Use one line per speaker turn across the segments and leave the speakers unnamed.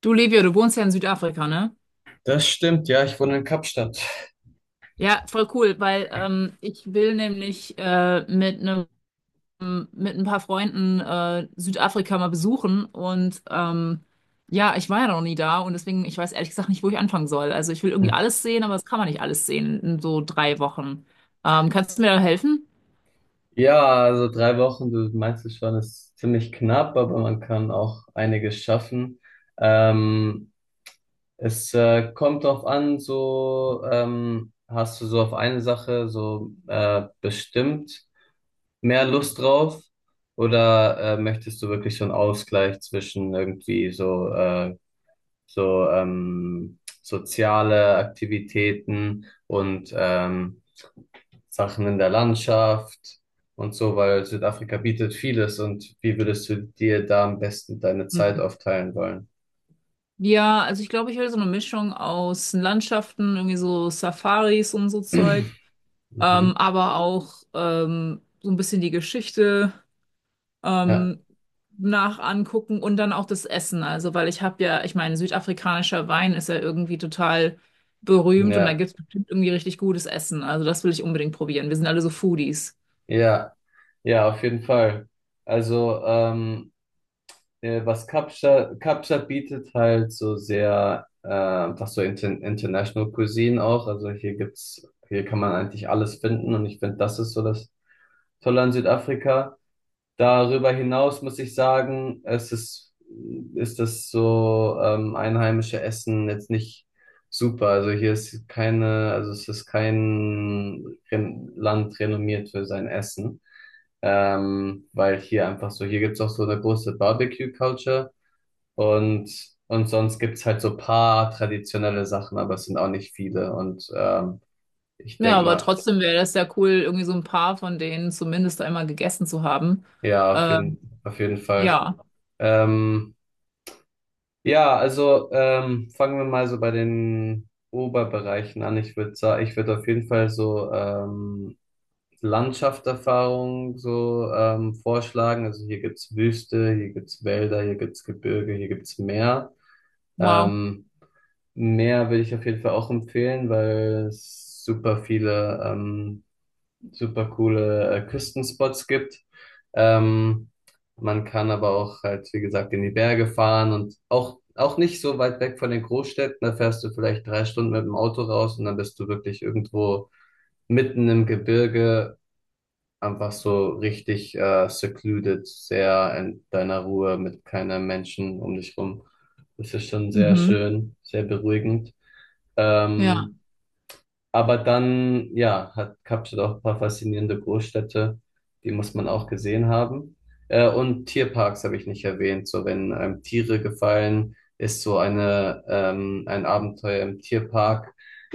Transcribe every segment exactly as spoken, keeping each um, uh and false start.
Du, Livio, du wohnst ja in Südafrika, ne?
Das stimmt, ja, ich wohne in Kapstadt.
Ja, voll cool, weil ähm, ich will nämlich äh, mit einem mit ein paar Freunden äh, Südafrika mal besuchen und ähm, ja, ich war ja noch nie da und deswegen, ich weiß ehrlich gesagt nicht, wo ich anfangen soll. Also ich will
Hm.
irgendwie alles sehen, aber das kann man nicht alles sehen in so drei Wochen. Ähm, kannst du mir da helfen?
Ja, also drei Wochen, du meinst es schon, ist ziemlich knapp, aber man kann auch einiges schaffen. Ähm, es äh, kommt drauf an, so ähm, hast du so auf eine Sache so äh, bestimmt mehr Lust drauf oder äh, möchtest du wirklich so einen Ausgleich zwischen irgendwie so, äh, so ähm, soziale Aktivitäten und ähm, Sachen in der Landschaft und so, weil Südafrika bietet vieles und wie würdest du dir da am besten deine Zeit
Hm.
aufteilen wollen?
Ja, also ich glaube, ich will so eine Mischung aus Landschaften, irgendwie so Safaris und so Zeug,
Mhm.
ähm, aber auch ähm, so ein bisschen die Geschichte,
Ja,
ähm, nach angucken und dann auch das Essen. Also, weil ich habe ja, ich meine, südafrikanischer Wein ist ja irgendwie total berühmt und da
ja,
gibt es bestimmt irgendwie richtig gutes Essen. Also, das will ich unbedingt probieren. Wir sind alle so Foodies.
ja, ja, auf jeden Fall. Also, ähm, äh, was Kapstadt, Kapstadt bietet halt so sehr, äh, was so inter International Cuisine auch. Also hier gibt's, hier kann man eigentlich alles finden und ich finde, das ist so das Tolle an Südafrika. Darüber hinaus muss ich sagen, es ist, ist das so ähm, einheimische Essen jetzt nicht super. Also hier ist keine, also es ist kein Ren Land renommiert für sein Essen. Ähm, weil hier einfach so, hier gibt's auch so eine große Barbecue-Culture und, und sonst gibt's halt so paar traditionelle Sachen, aber es sind auch nicht viele. Und ähm, ich
Ja,
denk
aber
mal,
trotzdem wäre das ja cool, irgendwie so ein paar von denen zumindest einmal gegessen zu haben.
ja, auf
Ähm,
jeden, auf jeden Fall.
ja,
Ähm, Ja, also ähm, fangen wir mal so bei den Oberbereichen an. Ich würde sagen, ich würde auf jeden Fall so ähm, Landschaftserfahrung so ähm, vorschlagen. Also hier gibt's Wüste, hier gibt's Wälder, hier gibt's Gebirge, hier gibt's Meer.
wow.
Ähm, Meer würde ich auf jeden Fall auch empfehlen, weil es super viele ähm, super coole äh, Küstenspots gibt. Ähm, man kann aber auch halt, wie gesagt, in die Berge fahren und auch, auch nicht so weit weg von den Großstädten. Da fährst du vielleicht drei Stunden mit dem Auto raus und dann bist du wirklich irgendwo mitten im Gebirge, einfach so richtig äh, secluded, sehr in deiner Ruhe mit keiner Menschen um dich rum. Das ist schon sehr
Mhm.
schön, sehr beruhigend.
Ja.
Ähm, aber dann, ja, hat Kapstadt auch ein paar faszinierende Großstädte, die muss man auch gesehen haben. Äh, und Tierparks habe ich nicht erwähnt. So, wenn einem Tiere gefallen, ist so eine, ähm, ein Abenteuer im Tierpark.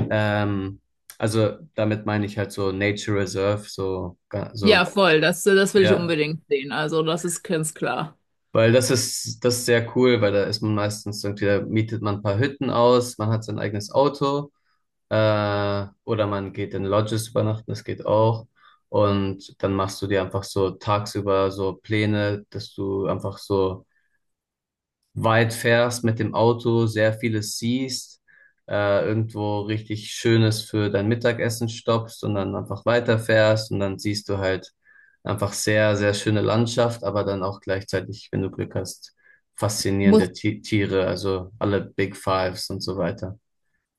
Ähm, also damit meine ich halt so Nature Reserve, so, ga-
Ja,
so,
voll. Das, das will ich
ja.
unbedingt sehen. Also, das ist ganz klar.
Weil das ist, das ist sehr cool, weil da ist man meistens irgendwie, da mietet man ein paar Hütten aus, man hat sein eigenes Auto. Äh, oder man geht in Lodges übernachten, das geht auch. Und dann machst du dir einfach so tagsüber so Pläne, dass du einfach so weit fährst mit dem Auto, sehr vieles siehst, äh, irgendwo richtig Schönes für dein Mittagessen stoppst und dann einfach weiterfährst und dann siehst du halt einfach sehr, sehr schöne Landschaft, aber dann auch gleichzeitig, wenn du Glück hast, faszinierende
Muss
Ti- Tiere, also alle Big Fives und so weiter.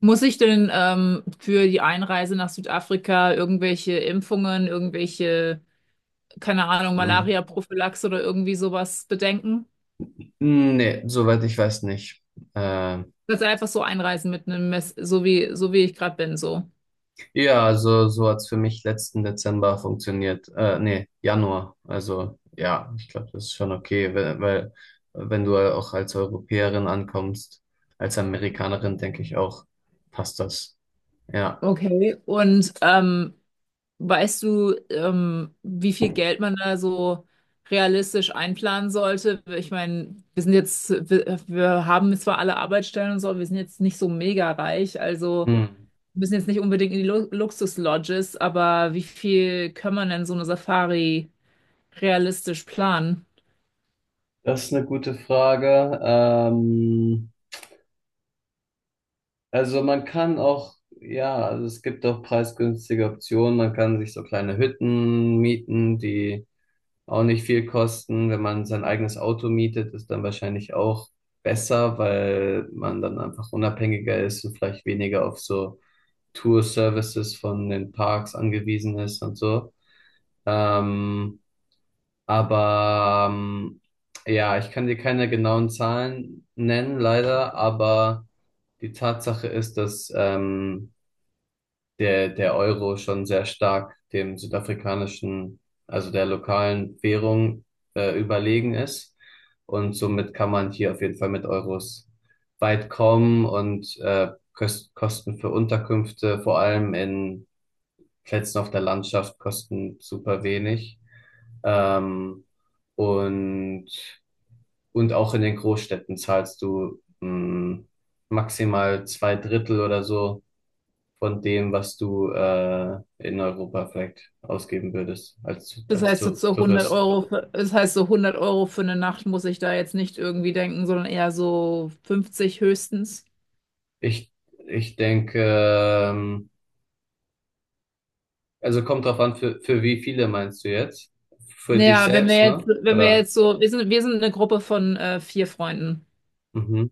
Muss ich denn ähm, für die Einreise nach Südafrika irgendwelche Impfungen, irgendwelche, keine Ahnung,
Mhm.
Malaria-Prophylaxe oder irgendwie sowas bedenken?
Hm, nee, soweit ich weiß nicht. Äh,
Dass einfach so einreisen mit einem Mess, so wie, so wie ich gerade bin, so.
ja, also so hat's für mich letzten Dezember funktioniert. Äh, nee, Januar. Also ja, ich glaube, das ist schon okay, weil, weil wenn du auch als Europäerin ankommst, als Amerikanerin, denke ich auch, passt das. Ja.
Okay. Und ähm, weißt du, ähm, wie viel Geld man da so realistisch einplanen sollte? Ich meine, wir sind jetzt, wir, wir haben zwar alle Arbeitsstellen und so, aber wir sind jetzt nicht so mega reich, also.
Hm.
Wir müssen jetzt nicht unbedingt in die Lu Luxus-Lodges, aber wie viel kann man denn so eine Safari realistisch planen?
Das ist eine gute Frage. Ähm, also man kann auch, ja, also es gibt auch preisgünstige Optionen. Man kann sich so kleine Hütten mieten, die auch nicht viel kosten. Wenn man sein eigenes Auto mietet, ist dann wahrscheinlich auch besser, weil man dann einfach unabhängiger ist und vielleicht weniger auf so Tour-Services von den Parks angewiesen ist und so. Ähm, aber ähm, ja, ich kann dir keine genauen Zahlen nennen, leider, aber die Tatsache ist, dass ähm, der, der Euro schon sehr stark dem südafrikanischen, also der lokalen Währung äh, überlegen ist. Und somit kann man hier auf jeden Fall mit Euros weit kommen und äh, Köst Kosten für Unterkünfte, vor allem in Plätzen auf der Landschaft, kosten super wenig. Ähm, und, und auch in den Großstädten zahlst du mh, maximal zwei Drittel oder so von dem, was du äh, in Europa vielleicht ausgeben würdest als,
Das
als
heißt so
Tour-
zu 100
Tourist.
Euro, für, das heißt so hundert Euro für eine Nacht muss ich da jetzt nicht irgendwie denken, sondern eher so fünfzig höchstens.
Ich, ich denke, ähm, also kommt drauf an, für, für wie viele meinst du jetzt? Für dich
Naja, wenn wir
selbst,
jetzt,
ne?
wenn wir
Oder?
jetzt so, wir sind, wir sind eine Gruppe von äh, vier Freunden.
Mhm.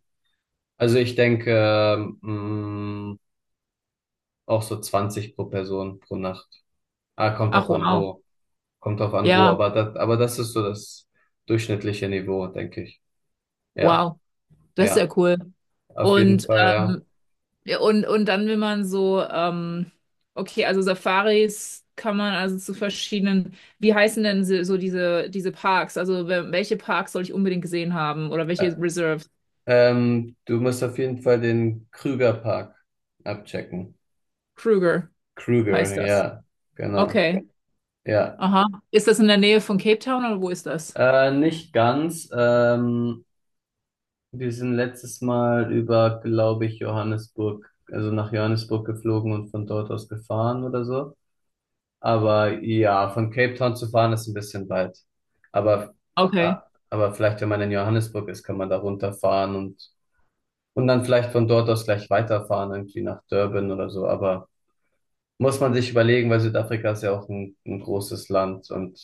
Also ich denke, ähm, mh, auch so zwanzig pro Person pro Nacht. Ah, kommt
Ach
drauf an,
wow,
wo. Kommt drauf an, wo.
ja,
Aber das, aber das ist so das durchschnittliche Niveau, denke ich. Ja,
wow, das ist ja
ja,
cool.
auf jeden
Und
Fall, ja.
ähm, ja, Und, und dann will man so, ähm, okay, also Safaris kann man also zu verschiedenen, wie heißen denn so so diese, diese Parks? Also wel- welche Parks soll ich unbedingt gesehen haben oder welche Reserves?
Ähm, du musst auf jeden Fall den Krüger Park abchecken.
Kruger
Krüger,
heißt das.
ja, genau,
Okay,
ja.
aha. Ist das in der Nähe von Cape Town oder wo ist das?
Äh, nicht ganz. Ähm, wir sind letztes Mal über, glaube ich, Johannesburg, also nach Johannesburg geflogen und von dort aus gefahren oder so. Aber ja, von Cape Town zu fahren ist ein bisschen weit. Aber,
Okay.
ah, aber vielleicht, wenn man in Johannesburg ist, kann man da runterfahren und, und dann vielleicht von dort aus gleich weiterfahren, irgendwie nach Durban oder so. Aber muss man sich überlegen, weil Südafrika ist ja auch ein, ein großes Land und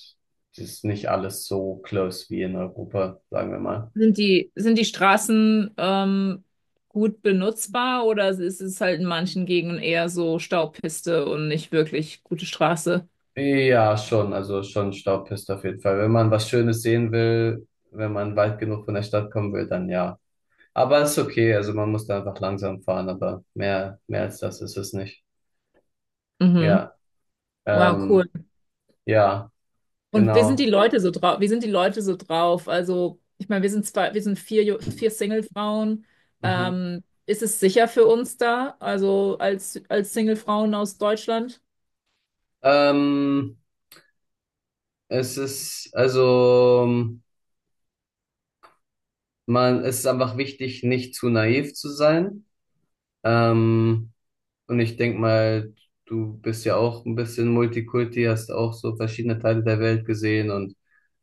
es ist nicht alles so close wie in Europa, sagen wir mal.
Sind die, sind die Straßen ähm, gut benutzbar oder ist es halt in manchen Gegenden eher so Staubpiste und nicht wirklich gute Straße?
Ja, schon, also schon Staubpiste auf jeden Fall. Wenn man was Schönes sehen will, wenn man weit genug von der Stadt kommen will, dann ja. Aber es ist okay, also man muss da einfach langsam fahren, aber mehr, mehr als das ist es nicht.
Mhm.
Ja,
Wow, cool.
ähm, ja,
Und wie sind die
genau.
Leute so drauf? Wie sind die Leute so drauf? Also, ich meine, wir sind zwei, wir sind vier, Ju- vier Single-Frauen.
Mhm.
Ähm, ist es sicher für uns da? Also als, als Single-Frauen aus Deutschland?
Ähm, es ist, also, man, es ist einfach wichtig, nicht zu naiv zu sein. Ähm, und ich denk mal, du bist ja auch ein bisschen Multikulti, hast auch so verschiedene Teile der Welt gesehen und,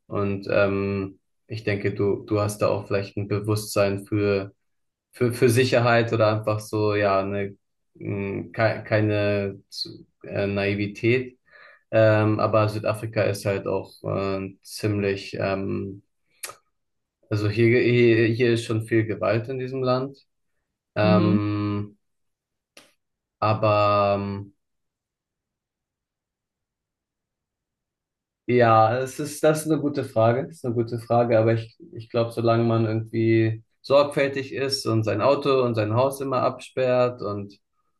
und ähm, ich denke, du, du hast da auch vielleicht ein Bewusstsein für, für, für Sicherheit oder einfach so, ja, eine, mh, ke keine zu- äh, Naivität. Ähm, aber Südafrika ist halt auch äh, ziemlich, ähm, also hier, hier, hier ist schon viel Gewalt in diesem Land.
Mhm.
Ähm, aber ähm, Ja, das ist, das ist eine gute Frage. Das ist eine gute Frage, aber ich, ich glaube, solange man irgendwie sorgfältig ist und sein Auto und sein Haus immer absperrt und,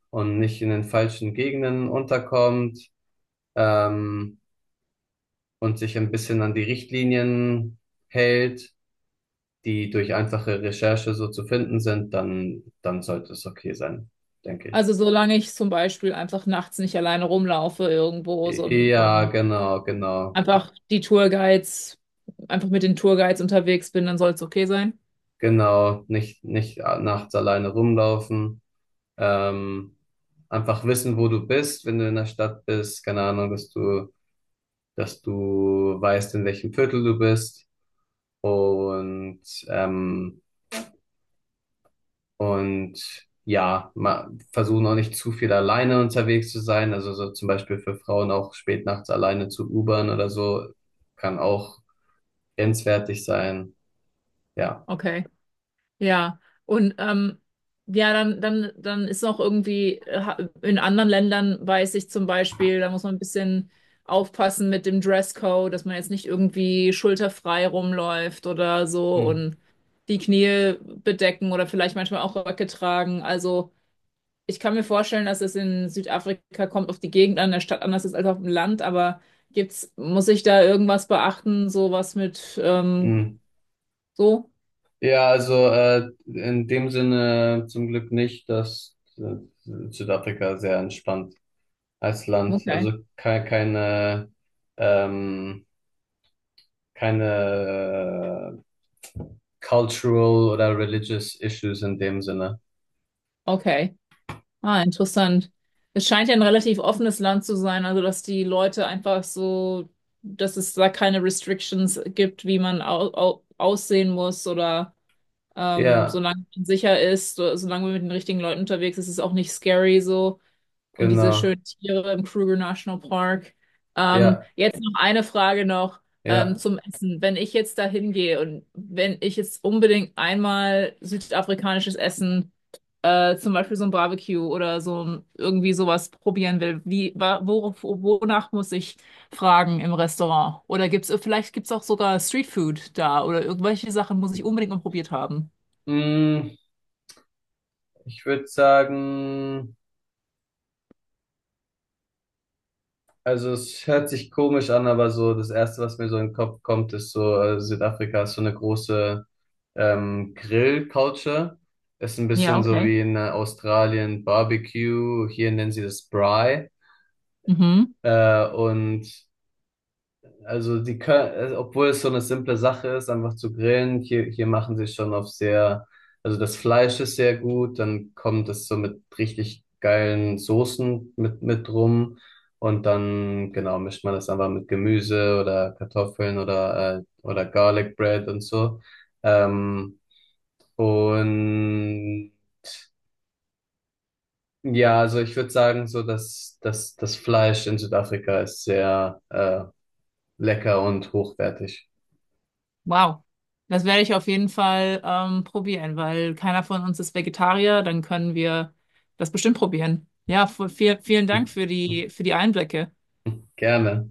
und nicht in den falschen Gegenden unterkommt, ähm, und sich ein bisschen an die Richtlinien hält, die durch einfache Recherche so zu finden sind, dann, dann sollte es okay sein, denke ich.
Also, solange ich zum Beispiel einfach nachts nicht alleine rumlaufe irgendwo so, und
Ja,
und
genau, genau,
einfach die Tourguides, einfach mit den Tourguides unterwegs bin, dann soll es okay sein.
genau. Nicht, nicht nachts alleine rumlaufen. Ähm, einfach wissen, wo du bist, wenn du in der Stadt bist. Keine Ahnung, dass du, dass du weißt, in welchem Viertel du bist. Und, ähm, und ja, ma- versuchen auch nicht zu viel alleine unterwegs zu sein. Also so zum Beispiel für Frauen auch spät nachts alleine zu Ubern oder so, kann auch grenzwertig sein. Ja.
Okay. Ja, und ähm, ja, dann, dann, dann ist noch irgendwie, äh, ha- in anderen Ländern weiß ich zum Beispiel, da muss man ein bisschen aufpassen mit dem Dresscode, dass man jetzt nicht irgendwie schulterfrei rumläuft oder so
Hm.
und die Knie bedecken oder vielleicht manchmal auch Röcke tragen. Also ich kann mir vorstellen, dass es in Südafrika kommt auf die Gegend an der Stadt anders ist als auf dem Land, aber gibt's, muss ich da irgendwas beachten, sowas mit ähm,
Hm.
so?
Ja, also äh, in dem Sinne zum Glück nicht, dass äh, Südafrika sehr entspannt als Land.
Okay,
Also keine, keine, ähm, keine äh, cultural oder religious issues in dem Sinne.
okay. Ah, interessant. Es scheint ja ein relativ offenes Land zu sein, also dass die Leute einfach so, dass es da keine Restrictions gibt, wie man au au aussehen muss oder ähm,
Ja,
solange man sicher ist, so- solange man mit den richtigen Leuten unterwegs ist, ist es auch nicht scary so und diese
genau.
schönen Tiere im Kruger National Park. Ähm,
Ja,
jetzt noch eine Frage noch ähm,
ja.
zum Essen. Wenn ich jetzt da hingehe und wenn ich jetzt unbedingt einmal südafrikanisches Essen, äh, zum Beispiel so ein Barbecue oder so ein, irgendwie sowas probieren will, wie, wa- wo, wo- wonach muss ich fragen im Restaurant? Oder gibt's, vielleicht gibt's auch sogar Streetfood da oder irgendwelche Sachen muss ich unbedingt mal probiert haben.
Mm, ich würde sagen, also es hört sich komisch an, aber so das Erste, was mir so in den Kopf kommt, ist so, äh, Südafrika ist so eine große ähm, Grill-Culture. Ist ein
Ja,
bisschen so
okay.
wie in äh, Australien Barbecue. Hier nennen sie das Braai.
Mhm.
Äh, und Also die können, also obwohl es so eine simple Sache ist, einfach zu grillen, hier, hier machen sie schon auf sehr, also das Fleisch ist sehr gut, dann kommt es so mit richtig geilen Soßen mit, mit rum und dann, genau, mischt man das einfach mit Gemüse oder Kartoffeln oder, äh, oder Garlic Bread und so. Ähm, und ja, also ich würde sagen, so dass das, das Fleisch in Südafrika ist sehr, äh, lecker und hochwertig.
Wow. Das werde ich auf jeden Fall ähm, probieren, weil keiner von uns ist Vegetarier, dann können wir das bestimmt probieren. Ja, v- viel, vielen Dank für die, für die Einblicke.
Gerne.